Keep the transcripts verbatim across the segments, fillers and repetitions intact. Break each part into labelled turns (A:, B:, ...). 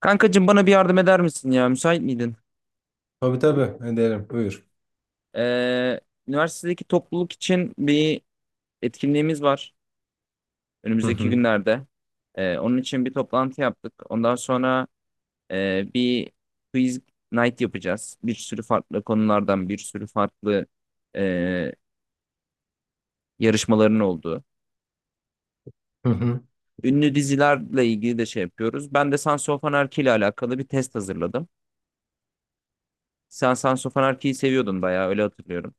A: Kankacığım bana bir yardım eder misin ya? Müsait miydin?
B: Tabii tabii ederim. Buyur.
A: Ee, Üniversitedeki topluluk için bir etkinliğimiz var
B: Hı
A: önümüzdeki
B: hı.
A: günlerde. Ee, onun için bir toplantı yaptık. Ondan sonra e, bir quiz night yapacağız. Bir sürü farklı konulardan, bir sürü farklı e, yarışmaların olduğu.
B: Hı hı.
A: Ünlü dizilerle ilgili de şey yapıyoruz. Ben de Sons of Anarchy ile alakalı bir test hazırladım. Sen Sons of Anarchy'yi seviyordun bayağı öyle hatırlıyorum.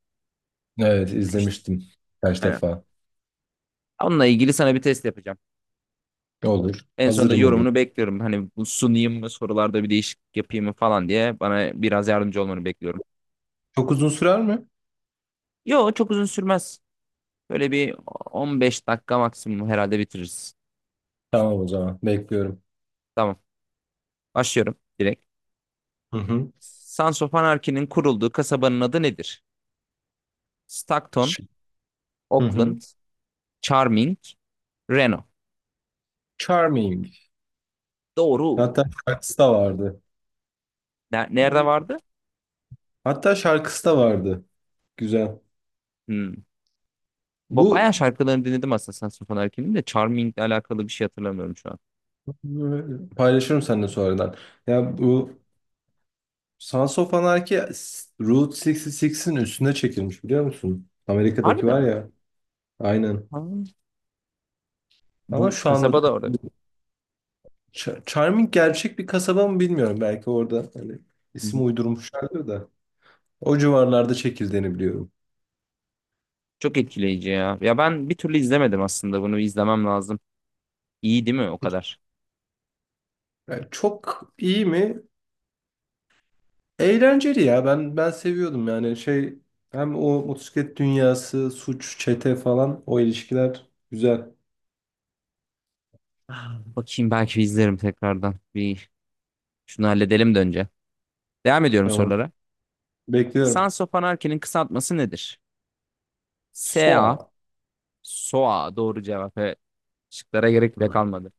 B: Evet
A: Demiştin.
B: izlemiştim kaç
A: Aynen.
B: defa.
A: Onunla ilgili sana bir test yapacağım.
B: Olur.
A: En sonunda
B: Hazırım olur.
A: yorumunu bekliyorum. Hani bu sunayım mı, sorularda bir değişiklik yapayım mı falan diye bana biraz yardımcı olmanı bekliyorum.
B: Çok uzun sürer mi?
A: Yo çok uzun sürmez. Böyle bir on beş dakika maksimum herhalde bitiririz.
B: Tamam, o zaman bekliyorum.
A: Tamam. Başlıyorum direkt.
B: Hı hı.
A: Sons of Anarchy'nin kurulduğu kasabanın adı nedir? Stockton,
B: Ş- Hı hı.
A: Oakland, Charming, Reno.
B: Charming.
A: Doğru.
B: Hatta şarkısı da vardı.
A: Ne- Nerede vardı?
B: Hatta şarkısı da vardı. Güzel.
A: Hmm. Bu
B: Bu
A: bayağı şarkılarını dinledim aslında Sons of Anarchy'nin de Charming'le alakalı bir şey hatırlamıyorum şu an.
B: paylaşırım seninle sonradan. Ya bu Sons of Anarchy s- Route altmış altının üstüne çekilmiş, biliyor musun? Amerika'daki
A: Harbiden
B: var
A: mi?
B: ya. Aynen.
A: Ha.
B: Ama
A: Bu
B: şu anda
A: kasaba da orada.
B: Ch- Charming gerçek bir kasaba mı bilmiyorum. Belki orada hani
A: Hı hı.
B: isim uydurmuşlardır da. O civarlarda çekildiğini biliyorum.
A: Çok etkileyici ya. Ya ben bir türlü izlemedim aslında bunu izlemem lazım. İyi değil mi o kadar?
B: Yani çok iyi mi? Eğlenceli ya. Ben ben seviyordum yani şey, hem o motosiklet dünyası, suç, çete falan, o ilişkiler güzel.
A: Ah, bakayım belki bir izlerim tekrardan. Bir şunu halledelim de önce. Devam ediyorum
B: Tamam.
A: sorulara.
B: Bekliyorum.
A: Sans of Anarchy'nin kısaltması nedir? S A,
B: Soa.
A: S O A doğru cevap. Evet. Şıklara gerek bile
B: Hı.
A: kalmadı.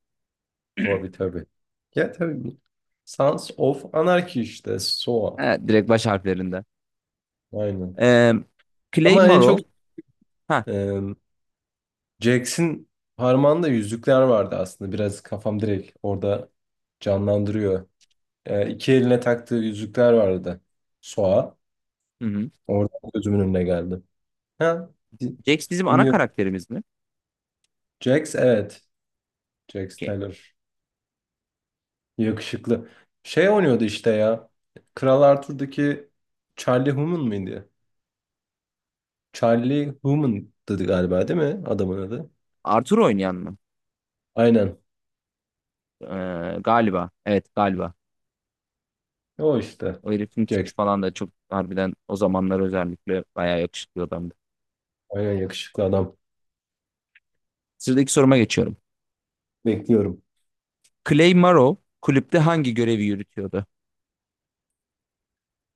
B: Tabii tabii. Ya tabii. Sons of Anarchy işte. Saw.
A: Evet, direkt baş harflerinde.
B: Aynen.
A: Ee, Clay
B: Ama en çok
A: Morrow. Ha,
B: e, Jax'in parmağında yüzükler vardı aslında. Biraz kafam direkt orada canlandırıyor. Ee, iki eline taktığı yüzükler vardı. Soğa.
A: hı hı.
B: Orada gözümün önüne geldi. Ha, din-
A: Jax bizim ana
B: dinliyorum.
A: karakterimiz mi?
B: Jax evet. Jax
A: Okey.
B: Taylor. Yakışıklı. Şey oynuyordu işte ya. Kral Arthur'daki Charlie Hunnam mıydı? Charlie Hunnam'dı galiba, değil mi adamın adı?
A: Arthur oynayan mı?
B: Aynen.
A: Ee, galiba. Evet galiba.
B: O işte.
A: O herifin tipi
B: Jax.
A: falan da çok harbiden o zamanlar özellikle bayağı yakışıklı adamdı.
B: Aynen yakışıklı adam.
A: Sıradaki soruma geçiyorum.
B: Bekliyorum.
A: Clay Morrow kulüpte hangi görevi yürütüyordu?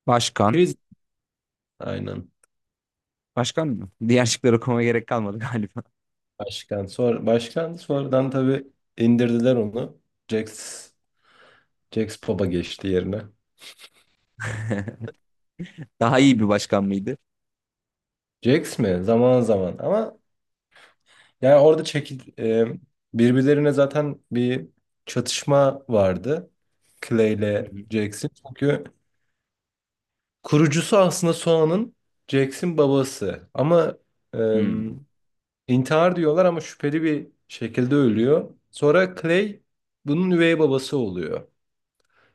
A: Başkan.
B: Priz. Aynen.
A: Başkan mı? Diğer şıkları okumama gerek kalmadı galiba.
B: Başkan. Sonra, başkan sonradan tabii indirdiler onu. Jax, Jax Pop'a geçti yerine.
A: Daha iyi bir başkan mıydı?
B: Jax mi? Zaman zaman. Ama yani orada çekil, e, birbirlerine zaten bir çatışma vardı. Clay
A: Hı
B: ile
A: hı.
B: Jax'in. Çünkü kurucusu aslında Soğan'ın, Jax'in babası. Ama e,
A: Hmm.
B: intihar diyorlar ama şüpheli bir şekilde ölüyor. Sonra Clay bunun üvey babası oluyor.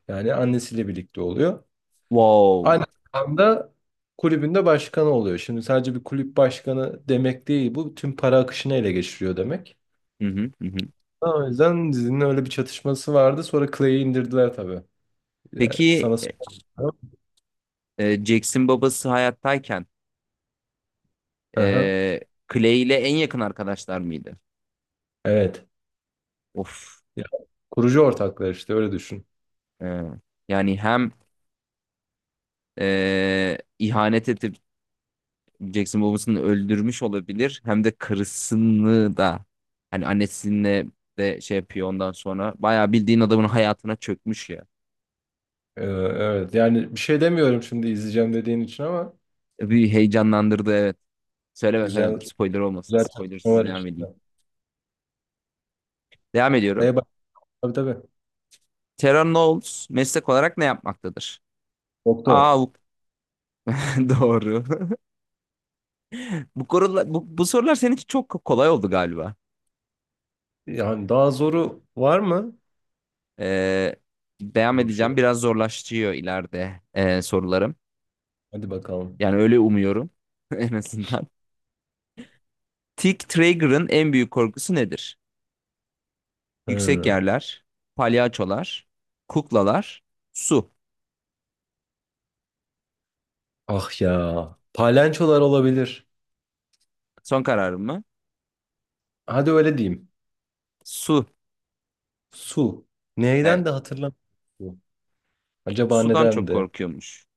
B: Yani annesiyle birlikte oluyor.
A: Wow.
B: Aynı anda kulübünde başkanı oluyor. Şimdi sadece bir kulüp başkanı demek değil bu. Tüm para akışını ele geçiriyor demek.
A: Hı hı, hı hı.
B: O yüzden dizinin öyle bir çatışması vardı. Sonra Clay'i indirdiler tabii. Yani
A: Peki
B: sana sorayım.
A: e, Jackson babası hayattayken
B: Aha,
A: e, Clay ile en yakın arkadaşlar mıydı?
B: evet.
A: Of.
B: Ya, kurucu ortaklar işte, öyle düşün.
A: E, yani hem e, ihanet edip Jackson babasını öldürmüş olabilir. Hem de karısını da hani annesinle de şey yapıyor ondan sonra. Bayağı bildiğin adamın hayatına çökmüş ya.
B: Ee, evet, yani bir şey demiyorum şimdi izleyeceğim dediğin için ama
A: Bir heyecanlandırdı evet. Söyleme söyleme
B: güzel,
A: dur spoiler olmasın.
B: güzel çatışma
A: Spoilersız
B: var
A: devam edeyim.
B: içinde.
A: Devam ediyorum.
B: Neye bak, tabii tabii.
A: Terran Knowles meslek olarak ne yapmaktadır?
B: Doktor.
A: Aa bu doğru. Bu, konular, bu, bu sorular senin için çok kolay oldu galiba.
B: Yani daha zoru var mı?
A: Ee, Devam
B: Bu
A: edeceğim.
B: şey.
A: Biraz zorlaşıyor ileride e, sorularım.
B: Hadi bakalım.
A: Yani öyle umuyorum en azından. Tick Traeger'ın en büyük korkusu nedir? Yüksek
B: Hı.
A: yerler, palyaçolar, kuklalar, su.
B: Ah ya. Palençolar olabilir.
A: Son kararım mı?
B: Hadi öyle diyeyim.
A: Su.
B: Su. Neyden
A: Evet.
B: de hatırlamıyorum. Acaba
A: Sudan
B: neden
A: çok
B: de?
A: korkuyormuş.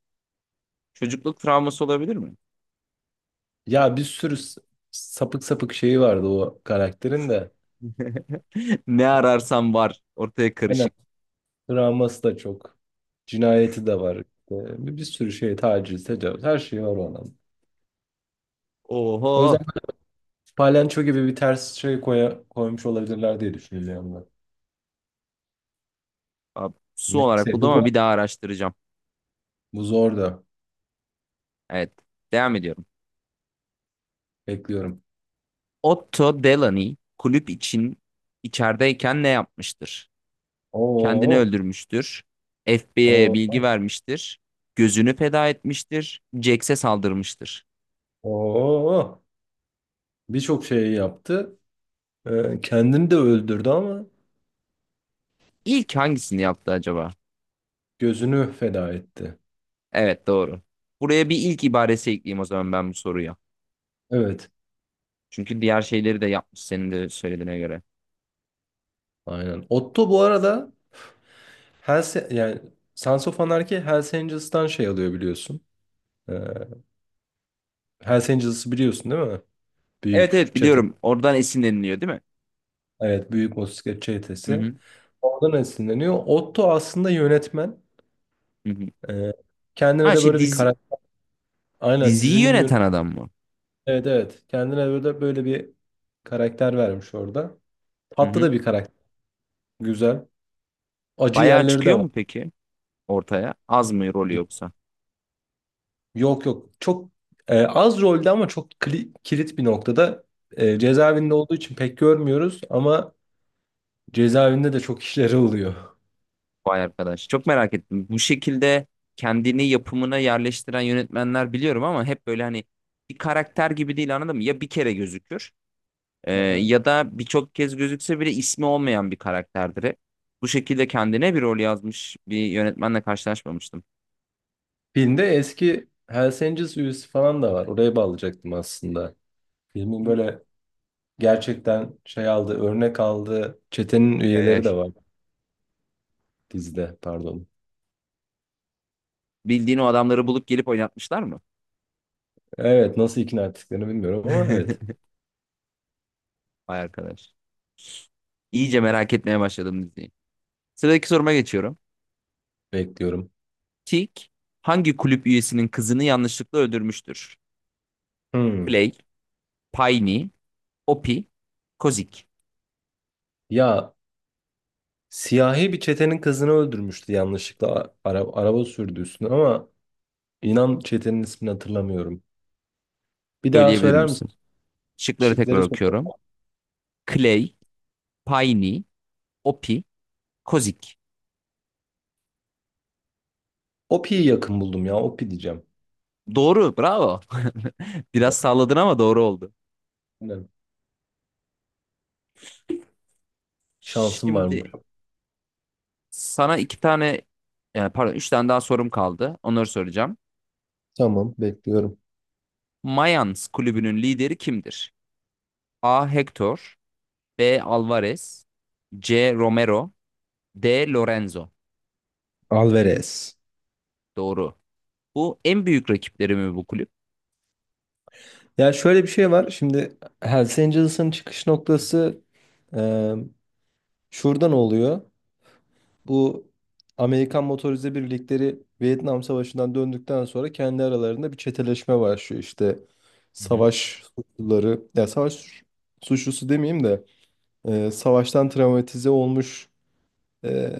A: Çocukluk travması olabilir mi?
B: Ya bir sürü s- sapık sapık şeyi vardı o karakterin de.
A: Ne ararsam var. Ortaya
B: Aynen.
A: karışık.
B: Travması da çok. Cinayeti de var. İşte Bir, bir sürü şey, taciz, tecavüz. Her şey var o adam. O yüzden
A: Oho.
B: Palenço gibi bir ters şey koya, koymuş olabilirler diye düşünüyorum ben.
A: Abi, su olarak
B: Neyse bu
A: buldum ama
B: zor.
A: bir daha araştıracağım.
B: Bu zor da.
A: Evet. Devam ediyorum.
B: Bekliyorum.
A: Otto Delany kulüp için içerideyken ne yapmıştır? Kendini
B: Oo.
A: öldürmüştür. F B I'ye
B: Oo.
A: bilgi vermiştir. Gözünü feda etmiştir. Jax'e saldırmıştır.
B: Oo. Birçok şey yaptı. Ee, kendini de öldürdü ama
A: İlk hangisini yaptı acaba?
B: gözünü feda etti.
A: Evet doğru. Buraya bir ilk ibaresi ekleyeyim o zaman ben bu soruya.
B: Evet.
A: Çünkü diğer şeyleri de yapmış senin de söylediğine göre.
B: Aynen. Otto bu arada Hells, yani Sons of Anarchy Hells Angels'tan şey alıyor, biliyorsun. Ee, Hells Angels'ı biliyorsun değil mi?
A: Evet
B: Büyük
A: evet
B: çete.
A: biliyorum. Oradan esinleniliyor değil mi?
B: Evet, büyük motosiklet
A: Hı
B: çetesi.
A: hı.
B: Oradan esinleniyor. Otto aslında yönetmen.
A: Hı hı.
B: Ee, Kendine
A: Ha,
B: de
A: şey
B: böyle bir
A: dizi,
B: karakter. Aynen,
A: diziyi
B: dizinin
A: yöneten
B: yönetmeni.
A: adam mı?
B: Evet evet. Kendine böyle, böyle bir karakter vermiş orada.
A: Hı
B: Tatlı
A: hı.
B: da bir karakter. Güzel. Acı
A: Bayağı
B: yerleri de
A: çıkıyor
B: var.
A: mu peki ortaya? Az mı rolü yoksa?
B: Yok yok. Çok e, az rolde ama çok kli- kilit bir noktada. E, cezaevinde olduğu için pek görmüyoruz ama cezaevinde de çok işleri oluyor.
A: Vay arkadaş. Çok merak ettim. Bu şekilde kendini yapımına yerleştiren yönetmenler biliyorum ama hep böyle hani bir karakter gibi değil anladın mı? Ya bir kere gözükür e,
B: Aha.
A: ya da birçok kez gözükse bile ismi olmayan bir karakterdir hep. Bu şekilde kendine bir rol yazmış bir yönetmenle karşılaşmamıştım.
B: Filmde eski Hells Angels üyesi falan da var. Oraya bağlayacaktım aslında. Filmin böyle gerçekten şey aldı, örnek aldığı çetenin
A: Ay, ay,
B: üyeleri de
A: ay.
B: var dizide, pardon.
A: Bildiğin o adamları bulup gelip oynatmışlar mı?
B: Evet, nasıl ikna ettiklerini bilmiyorum ama evet,
A: Vay arkadaş. İyice merak etmeye başladım diziyi. Sıradaki soruma geçiyorum.
B: bekliyorum.
A: Tik hangi kulüp üyesinin kızını yanlışlıkla öldürmüştür?
B: Hmm.
A: Play, Piney, Opie, Kozik.
B: Ya, siyahi bir çetenin kızını öldürmüştü yanlışlıkla, araba, araba sürdü üstüne ama inan çetenin ismini hatırlamıyorum. Bir daha
A: Söyleyebilir
B: söyler misin?
A: misin? Şıkları tekrar
B: Şıkları söyle.
A: okuyorum. Clay, Piney, Opie, Kozik.
B: Opi'yi yakın buldum ya, Opi diyeceğim.
A: Doğru, bravo. Biraz salladın ama doğru oldu.
B: Aynen. Şansım var mı?
A: Şimdi sana iki tane, e, pardon üç tane daha sorum kaldı. Onları soracağım.
B: Tamam, bekliyorum.
A: Mayans kulübünün lideri kimdir? A. Hector, B. Alvarez, C. Romero, D. Lorenzo.
B: Alvarez.
A: Doğru. Bu en büyük rakipleri mi bu kulüp?
B: Ya şöyle bir şey var şimdi, Hells Angels'ın çıkış noktası e, şuradan oluyor. Bu Amerikan motorize birlikleri Vietnam Savaşı'ndan döndükten sonra kendi aralarında bir çeteleşme başlıyor. İşte
A: Hı hı.
B: savaş suçluları, ya savaş suç- suçlusu demeyeyim de e, savaştan travmatize olmuş e,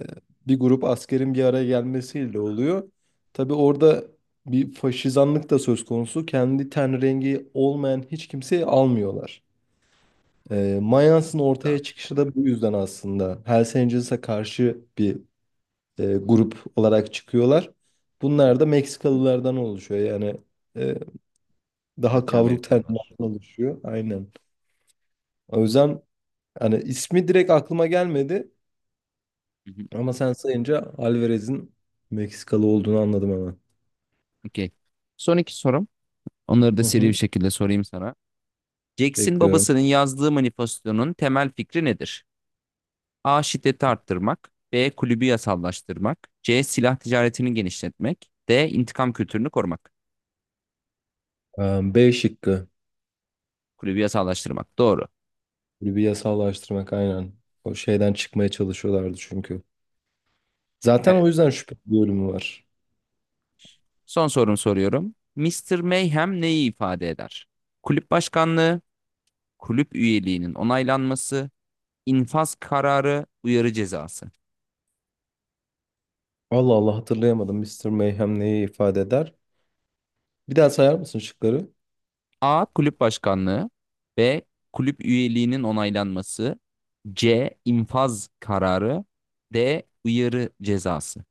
B: bir grup askerin bir araya gelmesiyle oluyor. Tabii orada bir faşizanlık da söz konusu. Kendi ten rengi olmayan hiç kimseyi almıyorlar. E, Mayans'ın ortaya çıkışı da bu yüzden aslında. Hells Angels'a karşı bir e, grup olarak çıkıyorlar. Bunlar da Meksikalılardan oluşuyor. Yani e, daha
A: Latin
B: kavruk
A: Amerikalılar.
B: tenlilerden oluşuyor. Aynen. O yüzden hani ismi direkt aklıma gelmedi
A: Hı hı,
B: ama sen sayınca Alvarez'in Meksikalı olduğunu anladım hemen.
A: okey. Son iki sorum. Onları da
B: Hı
A: seri bir
B: hı.
A: şekilde sorayım sana. Jackson
B: Bekliyorum.
A: babasının yazdığı manifestonun temel fikri nedir? A. Şiddeti arttırmak. B. Kulübü yasallaştırmak. C. Silah ticaretini genişletmek. D. İntikam kültürünü korumak.
B: Ee, B şıkkı.
A: Kulübü yasallaştırmak. Doğru.
B: Böyle bir yasallaştırmak aynen. O şeyden çıkmaya çalışıyorlardı çünkü. Zaten
A: Evet.
B: o yüzden şüphe bir bölümü var.
A: Son sorumu soruyorum. Mister Mayhem neyi ifade eder? Kulüp başkanlığı, kulüp üyeliğinin onaylanması, infaz kararı, uyarı cezası.
B: Allah Allah, hatırlayamadım. Mister Mayhem neyi ifade eder? Bir daha sayar mısın şıkları?
A: A. Kulüp başkanlığı. B. Kulüp üyeliğinin onaylanması. C. infaz kararı. D. Uyarı cezası.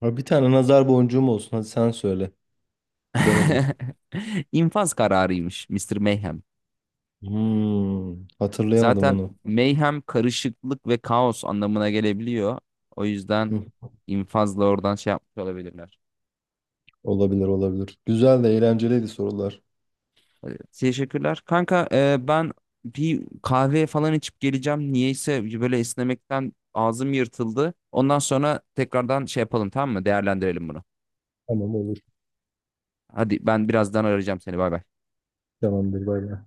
B: Ha, bir tane nazar boncuğum olsun. Hadi sen söyle. Bilemedim.
A: İnfaz kararıymış mister Mayhem.
B: Hmm, hatırlayamadım
A: Zaten
B: onu.
A: mayhem karışıklık ve kaos anlamına gelebiliyor. O yüzden
B: Hı,
A: infazla oradan şey yapmış olabilirler.
B: olabilir olabilir. Güzel de, eğlenceliydi sorular.
A: Teşekkürler. Kanka e, ben bir kahve falan içip geleceğim. Niyeyse böyle esnemekten ağzım yırtıldı. Ondan sonra tekrardan şey yapalım tamam mı? Değerlendirelim bunu.
B: Tamam olur.
A: Hadi ben birazdan arayacağım seni. Bay bay.
B: Tamamdır, bay bay.